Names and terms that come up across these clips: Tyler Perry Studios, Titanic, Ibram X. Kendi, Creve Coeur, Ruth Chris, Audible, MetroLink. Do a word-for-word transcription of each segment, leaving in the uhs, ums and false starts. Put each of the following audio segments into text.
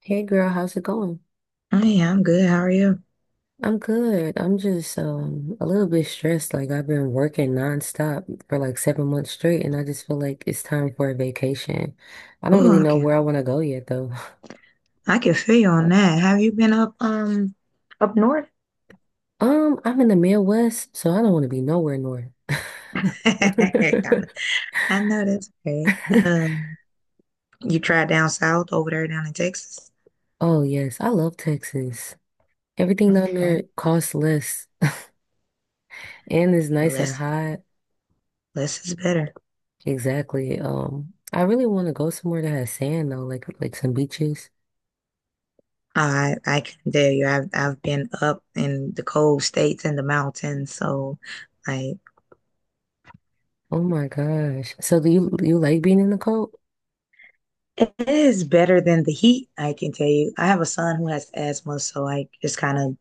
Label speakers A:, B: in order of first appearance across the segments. A: Hey girl, how's it going?
B: I am good. How are you?
A: I'm good. I'm just um a little bit stressed. Like I've been working nonstop for like seven months straight, and I just feel like it's time for a vacation. I don't really
B: Oh, I
A: know
B: can
A: where I want to go yet though.
B: I can feel you on that. Have you been up um up north?
A: Um, I'm in the Midwest, so I don't want to be nowhere north.
B: I know, I know that's right. Um, you tried down south over there down in Texas.
A: Oh yes, I love Texas. Everything down
B: Okay,
A: there costs less and is
B: and
A: nice and
B: less
A: hot.
B: less is better.
A: Exactly. Um, I really want to go somewhere that has sand though, like like some beaches.
B: I I can tell you, I've I've been up in the cold states and the mountains, so I.
A: Oh my gosh. So do you you like being in the cold?
B: It is better than the heat, I can tell you. I have a son who has asthma, so like just kind of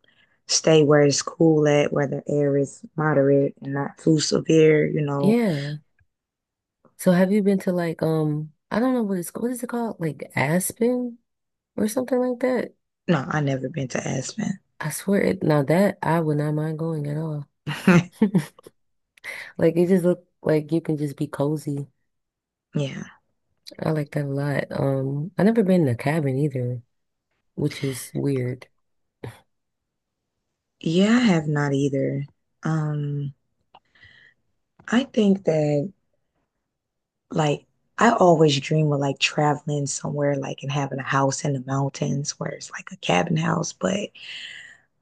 B: stay where it's cool at, where the air is moderate and not too severe, you know.
A: Yeah. So have you been to like um I don't know what it's what is it called? Like Aspen or something like that?
B: No, I never been to Aspen.
A: I swear it now that I would not mind going at all. Like it just look like you can just be cozy.
B: Yeah.
A: I like that a lot. Um I never been in a cabin either, which is weird.
B: Yeah, I have not either. Um, I think that like I always dream of like traveling somewhere like and having a house in the mountains where it's like a cabin house, but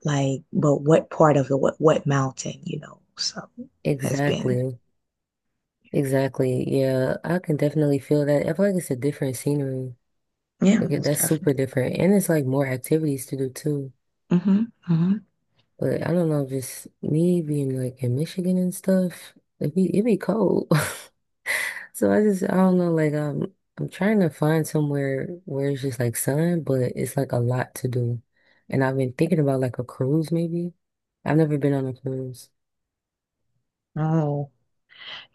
B: like but what part of it, what what mountain, you know? So has been.
A: Exactly. Exactly. Yeah, I can definitely feel that. I feel like it's a different scenery.
B: Yeah,
A: Like it-
B: most
A: that's super
B: definitely.
A: different. And it's like more activities to do too.
B: Hmm hmm.
A: But I don't know, just me being like in Michigan and stuff, it be it be cold. So I just I don't know, like I'm I'm trying to find somewhere where it's just like sun, but it's like a lot to do. And I've been thinking about like a cruise maybe. I've never been on a cruise.
B: Oh,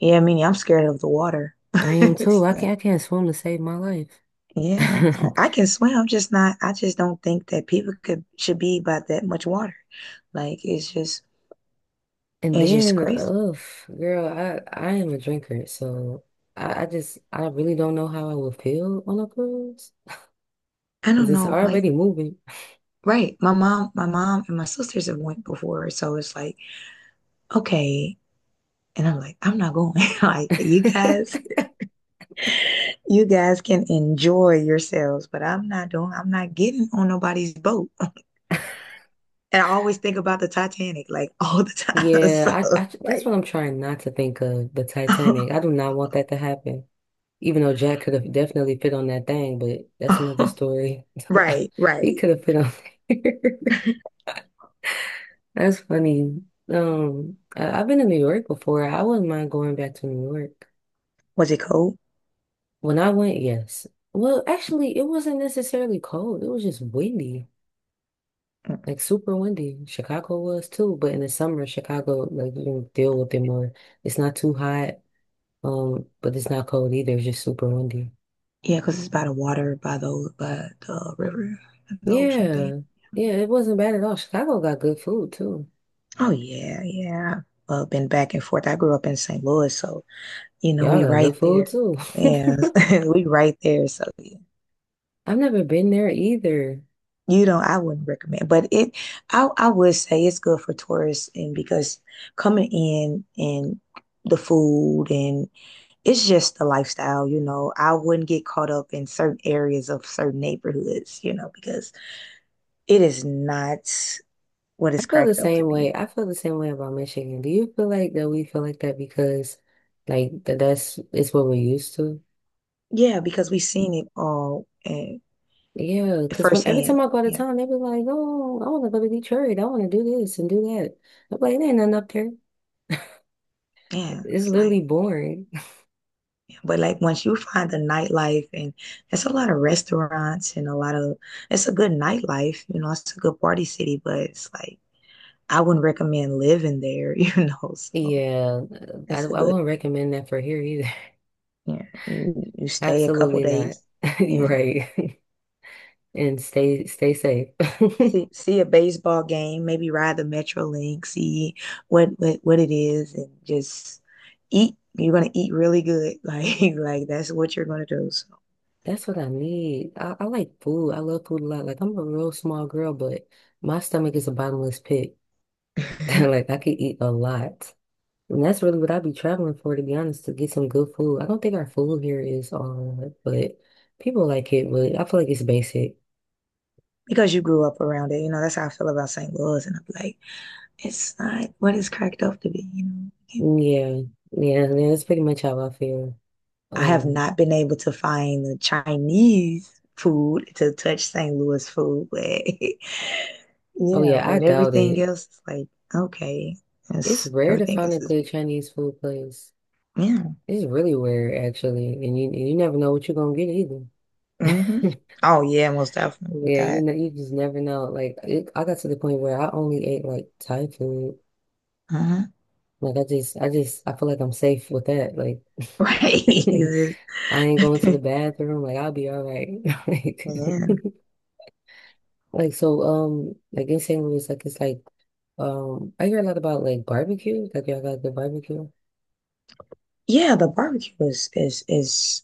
B: yeah, I mean, I'm scared of the water.
A: I am too. I
B: So,
A: can't I can't swim to save my life.
B: yeah. I I can swim. I'm just not, I just don't think that people could should be by that much water. Like it's just
A: And
B: it's just
A: then,
B: crazy.
A: ugh, girl, I I am a drinker, so I, I just I really don't know how I would feel on a cruise
B: I
A: because
B: don't
A: it's
B: know. Like,
A: already moving.
B: right. My mom, my mom and my sisters have went before. So it's like, okay. And I'm like, I'm not going. Like, you guys, you guys can enjoy yourselves, but I'm not doing, I'm not getting on nobody's boat. And I always think about the Titanic, like all the time. So
A: Yeah, I, I that's
B: like
A: what I'm trying not to think of, the Titanic. I do not want that to happen. Even though Jack could have definitely fit on that thing, but that's another story.
B: right,
A: He
B: right.
A: could have fit on there. That's funny. Um, I, I've been to New York before. I wouldn't mind going back to New York.
B: Was it cold?
A: When I went, yes. Well, actually, it wasn't necessarily cold. It was just windy,
B: Mm.
A: like super windy. Chicago was too, but in the summer, Chicago, like you can deal with it more. It's not too hot. Um, but it's not cold either. It's just super windy.
B: Yeah, because it's by the water, by the by the river, and the ocean thing.
A: Yeah. Yeah, it wasn't bad at all. Chicago got good food too.
B: Oh yeah, yeah. Uh, been back and forth. I grew up in saint Louis, so you know
A: Y'all
B: we
A: got
B: right
A: good food
B: there.
A: too.
B: Yeah, we right there. So yeah.
A: I've never been there either.
B: You know, I wouldn't recommend, but it, I I would say it's good for tourists, and because coming in and the food and it's just the lifestyle, you know. I wouldn't get caught up in certain areas of certain neighborhoods, you know, because it is not what
A: I
B: it's
A: feel the
B: cracked up to
A: same
B: be.
A: way. I feel the same way about Michigan. Do you feel like that we feel like that because like that that's it's what we're used to?
B: Yeah, because we've seen it all and
A: Yeah, because when every
B: firsthand.
A: time I go out of
B: Yeah.
A: town, they be like, "Oh, I want to go to Detroit. I want to do this and do that." I'm like, "There ain't nothing up there.
B: Yeah.
A: It's
B: It's
A: literally
B: like
A: boring."
B: yeah, but like once you find the nightlife and there's a lot of restaurants and a lot of it's a good nightlife, you know, it's a good party city, but it's like I wouldn't recommend living there, you know. So
A: Yeah, I,
B: it's a
A: I
B: good
A: wouldn't recommend that for here either.
B: yeah. And you stay a couple
A: Absolutely not.
B: days.
A: You're
B: Yeah.
A: right. And stay stay safe.
B: See see a baseball game, maybe ride the MetroLink, see what what what it is, and just eat. You're gonna eat really good, like like that's what you're gonna do. So.
A: That's what I need. I, I like food. I love food a lot. Like I'm a real small girl, but my stomach is a bottomless pit. Like I could eat a lot. And that's really what I'd be traveling for, to be honest, to get some good food. I don't think our food here is all that, but people like it, but I feel like it's basic.
B: Because you grew up around it, you know that's how I feel about saint Louis, and I'm like, it's not what it's cracked up to be. You know,
A: Yeah. Yeah, yeah, that's pretty much how I feel.
B: I have
A: Um,
B: not been able to find the Chinese food to touch saint Louis food, but
A: oh
B: yeah,
A: yeah, I
B: but
A: doubt
B: everything
A: it.
B: else is like okay,
A: It's
B: it's,
A: rare to
B: everything
A: find a
B: else is
A: good
B: big.
A: Chinese food place.
B: Yeah.
A: It's really weird, actually, and you you never know what you're gonna get either.
B: Hmm. Oh yeah, most definitely with
A: Yeah, you
B: that.
A: know, you just never know. Like, it, I got to the point where I only ate like Thai food.
B: Uh-huh.
A: Like, I just, I just, I feel like I'm safe with that. Like,
B: Right.
A: I ain't going to the bathroom. Like, I'll be all right. Like,
B: Yeah.
A: like so, um, like in saint Louis, like it's like, um, I hear a lot about like barbecue. Like, y'all got the barbecue.
B: Yeah, the barbecue is is is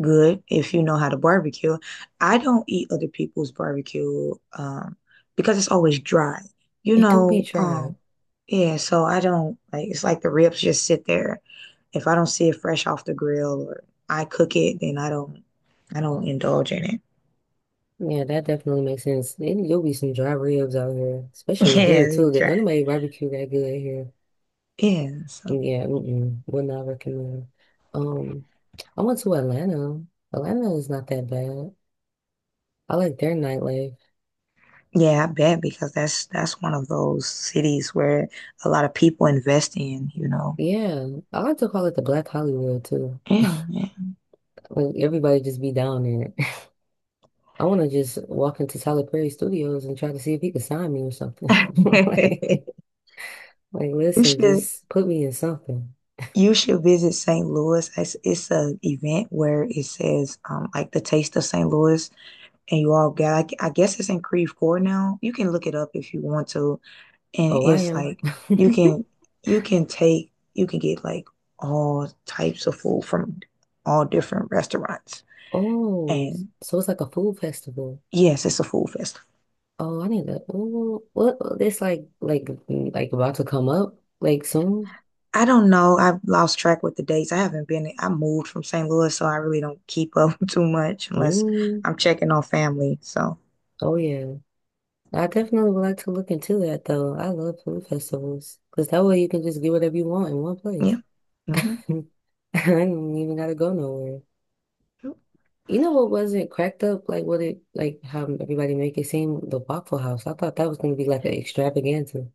B: good if you know how to barbecue. I don't eat other people's barbecue um because it's always dry. You
A: It do be
B: know,
A: dry.
B: um yeah, so I don't like it's like the ribs just sit there. If I don't see it fresh off the grill or I cook it, then I don't I don't indulge in it.
A: Yeah, that definitely makes sense. Then You'll be some dry ribs out here, especially
B: Yeah,
A: here too.
B: it's
A: That
B: dry.
A: none of my barbecue that good here.
B: Yeah, so
A: Yeah, mm-mm, would not recommend. Um, I went to Atlanta. Atlanta is not that bad. I like their nightlife.
B: yeah, I bet because that's that's one of those cities where a lot of people invest in, you know.
A: Yeah, I like to call it the Black Hollywood too.
B: Yeah,
A: Like everybody just be down there. I want to just walk into Tyler Perry Studios and try to see if he could sign me or something.
B: yeah.
A: Like, like,
B: You
A: listen,
B: should
A: just put me in something.
B: you should visit saint Louis. It's it's a event where it says um like the taste of saint Louis and you all got I, I guess it's in Creve Coeur now. You can look it up if you want to. And
A: Oh, I
B: it's
A: am.
B: like you can you can take you can get like all types of food from all different restaurants.
A: Oh,
B: And
A: so it's like a food festival.
B: yes, it's a food festival.
A: Oh, I need to. Oh, what? It's like like mm, like about to come up like soon.
B: I don't know. I've lost track with the dates. I haven't been, I moved from saint Louis, so I really don't keep up too much unless
A: Mm.
B: I'm checking on family. So,
A: Oh yeah, I definitely would like to look into that though. I love food festivals because that way you can just get whatever you want in one
B: yeah.
A: place. I
B: Hmm.
A: don't even gotta go nowhere. You know what wasn't cracked up? Like what it like how everybody make it seem, the Waffle House. I thought that was gonna be like an extravaganza.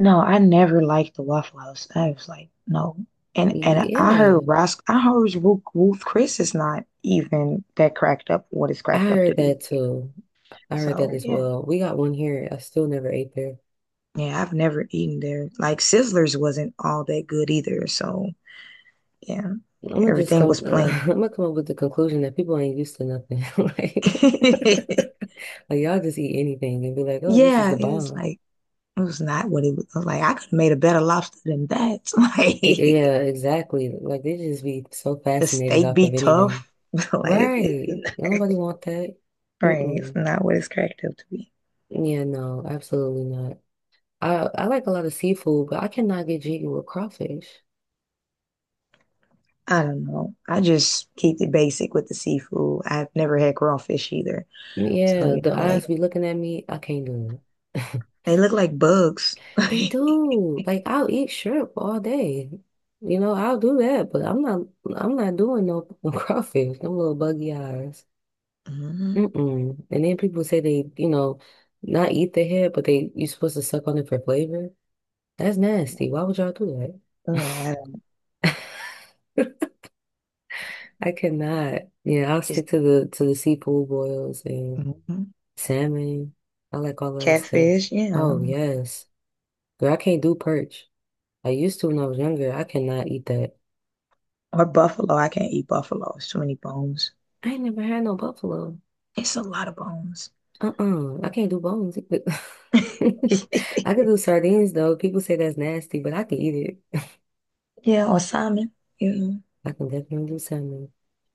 B: No, I never liked the Waffle House. I was like, no. And and I heard
A: Yeah.
B: Ros I heard Ruth, Ruth Chris is not even that cracked up what it's
A: I
B: cracked up to
A: heard
B: be.
A: that too. I heard
B: So,
A: that as
B: yeah.
A: well. We got one here. I still never ate there.
B: Yeah, I've never eaten there. Like Sizzlers wasn't all that good either. So, yeah.
A: I'm gonna just
B: Everything
A: come.
B: was plain.
A: I'm gonna come up with the conclusion that people ain't used to nothing. Like, like y'all just eat anything and be like, "Oh, this is the
B: Yeah, it was
A: bomb."
B: like it was not what it was. I was like, I could have made a better lobster than that.
A: I-
B: Like
A: yeah, exactly. Like they just be so
B: the
A: fascinated
B: steak
A: off
B: be
A: of anything,
B: tough. Like it's, it's
A: right?
B: not
A: Nobody want that.
B: right. It's
A: Mm-mm.
B: not what it's cracked up to be.
A: Yeah, no, absolutely not. I I like a lot of seafood, but I cannot get jiggy with crawfish.
B: I don't know. I just keep it basic with the seafood. I've never had raw fish either. So,
A: Yeah,
B: you
A: the
B: know, like
A: eyes be looking at me. I can't do it.
B: they look like bugs.
A: They do. Like I'll eat shrimp all day. You know, I'll do that, but I'm not I'm not doing no crawfish, no little buggy eyes.
B: Mhm.
A: Mm-mm. And then people say they, you know, not eat the head, but they you're supposed to suck on it for flavor. That's
B: Yeah.
A: nasty. Why would y'all do
B: Oh, I don't
A: that? I cannot. Yeah, I'll
B: just
A: stick to the to the seafood boils and
B: mhm.
A: salmon. I like all of that stuff.
B: Catfish, yeah.
A: Oh yes. Girl, I can't do perch. I used to when I was younger. I cannot eat that.
B: Or buffalo. I can't eat buffalo. It's too many bones.
A: I ain't never had no buffalo.
B: It's a lot of bones.
A: Uh-uh. I can't do bones either. I could do sardines though. People say that's nasty, but I can eat it.
B: Yeah, or Simon. Yeah.
A: I can definitely do salmon.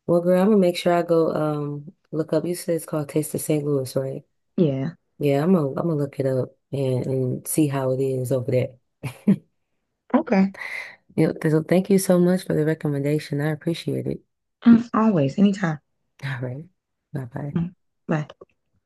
A: Well, girl, I'm gonna make sure I go um look up. You said it's called Taste of saint Louis, right?
B: Yeah.
A: Yeah, I'm gonna I'm gonna look it up and, and see how it is over there.
B: Okay.
A: Yeah, so thank you so much for the recommendation. I appreciate it.
B: Mm, always, anytime.
A: All right. Bye bye.
B: Mm, bye.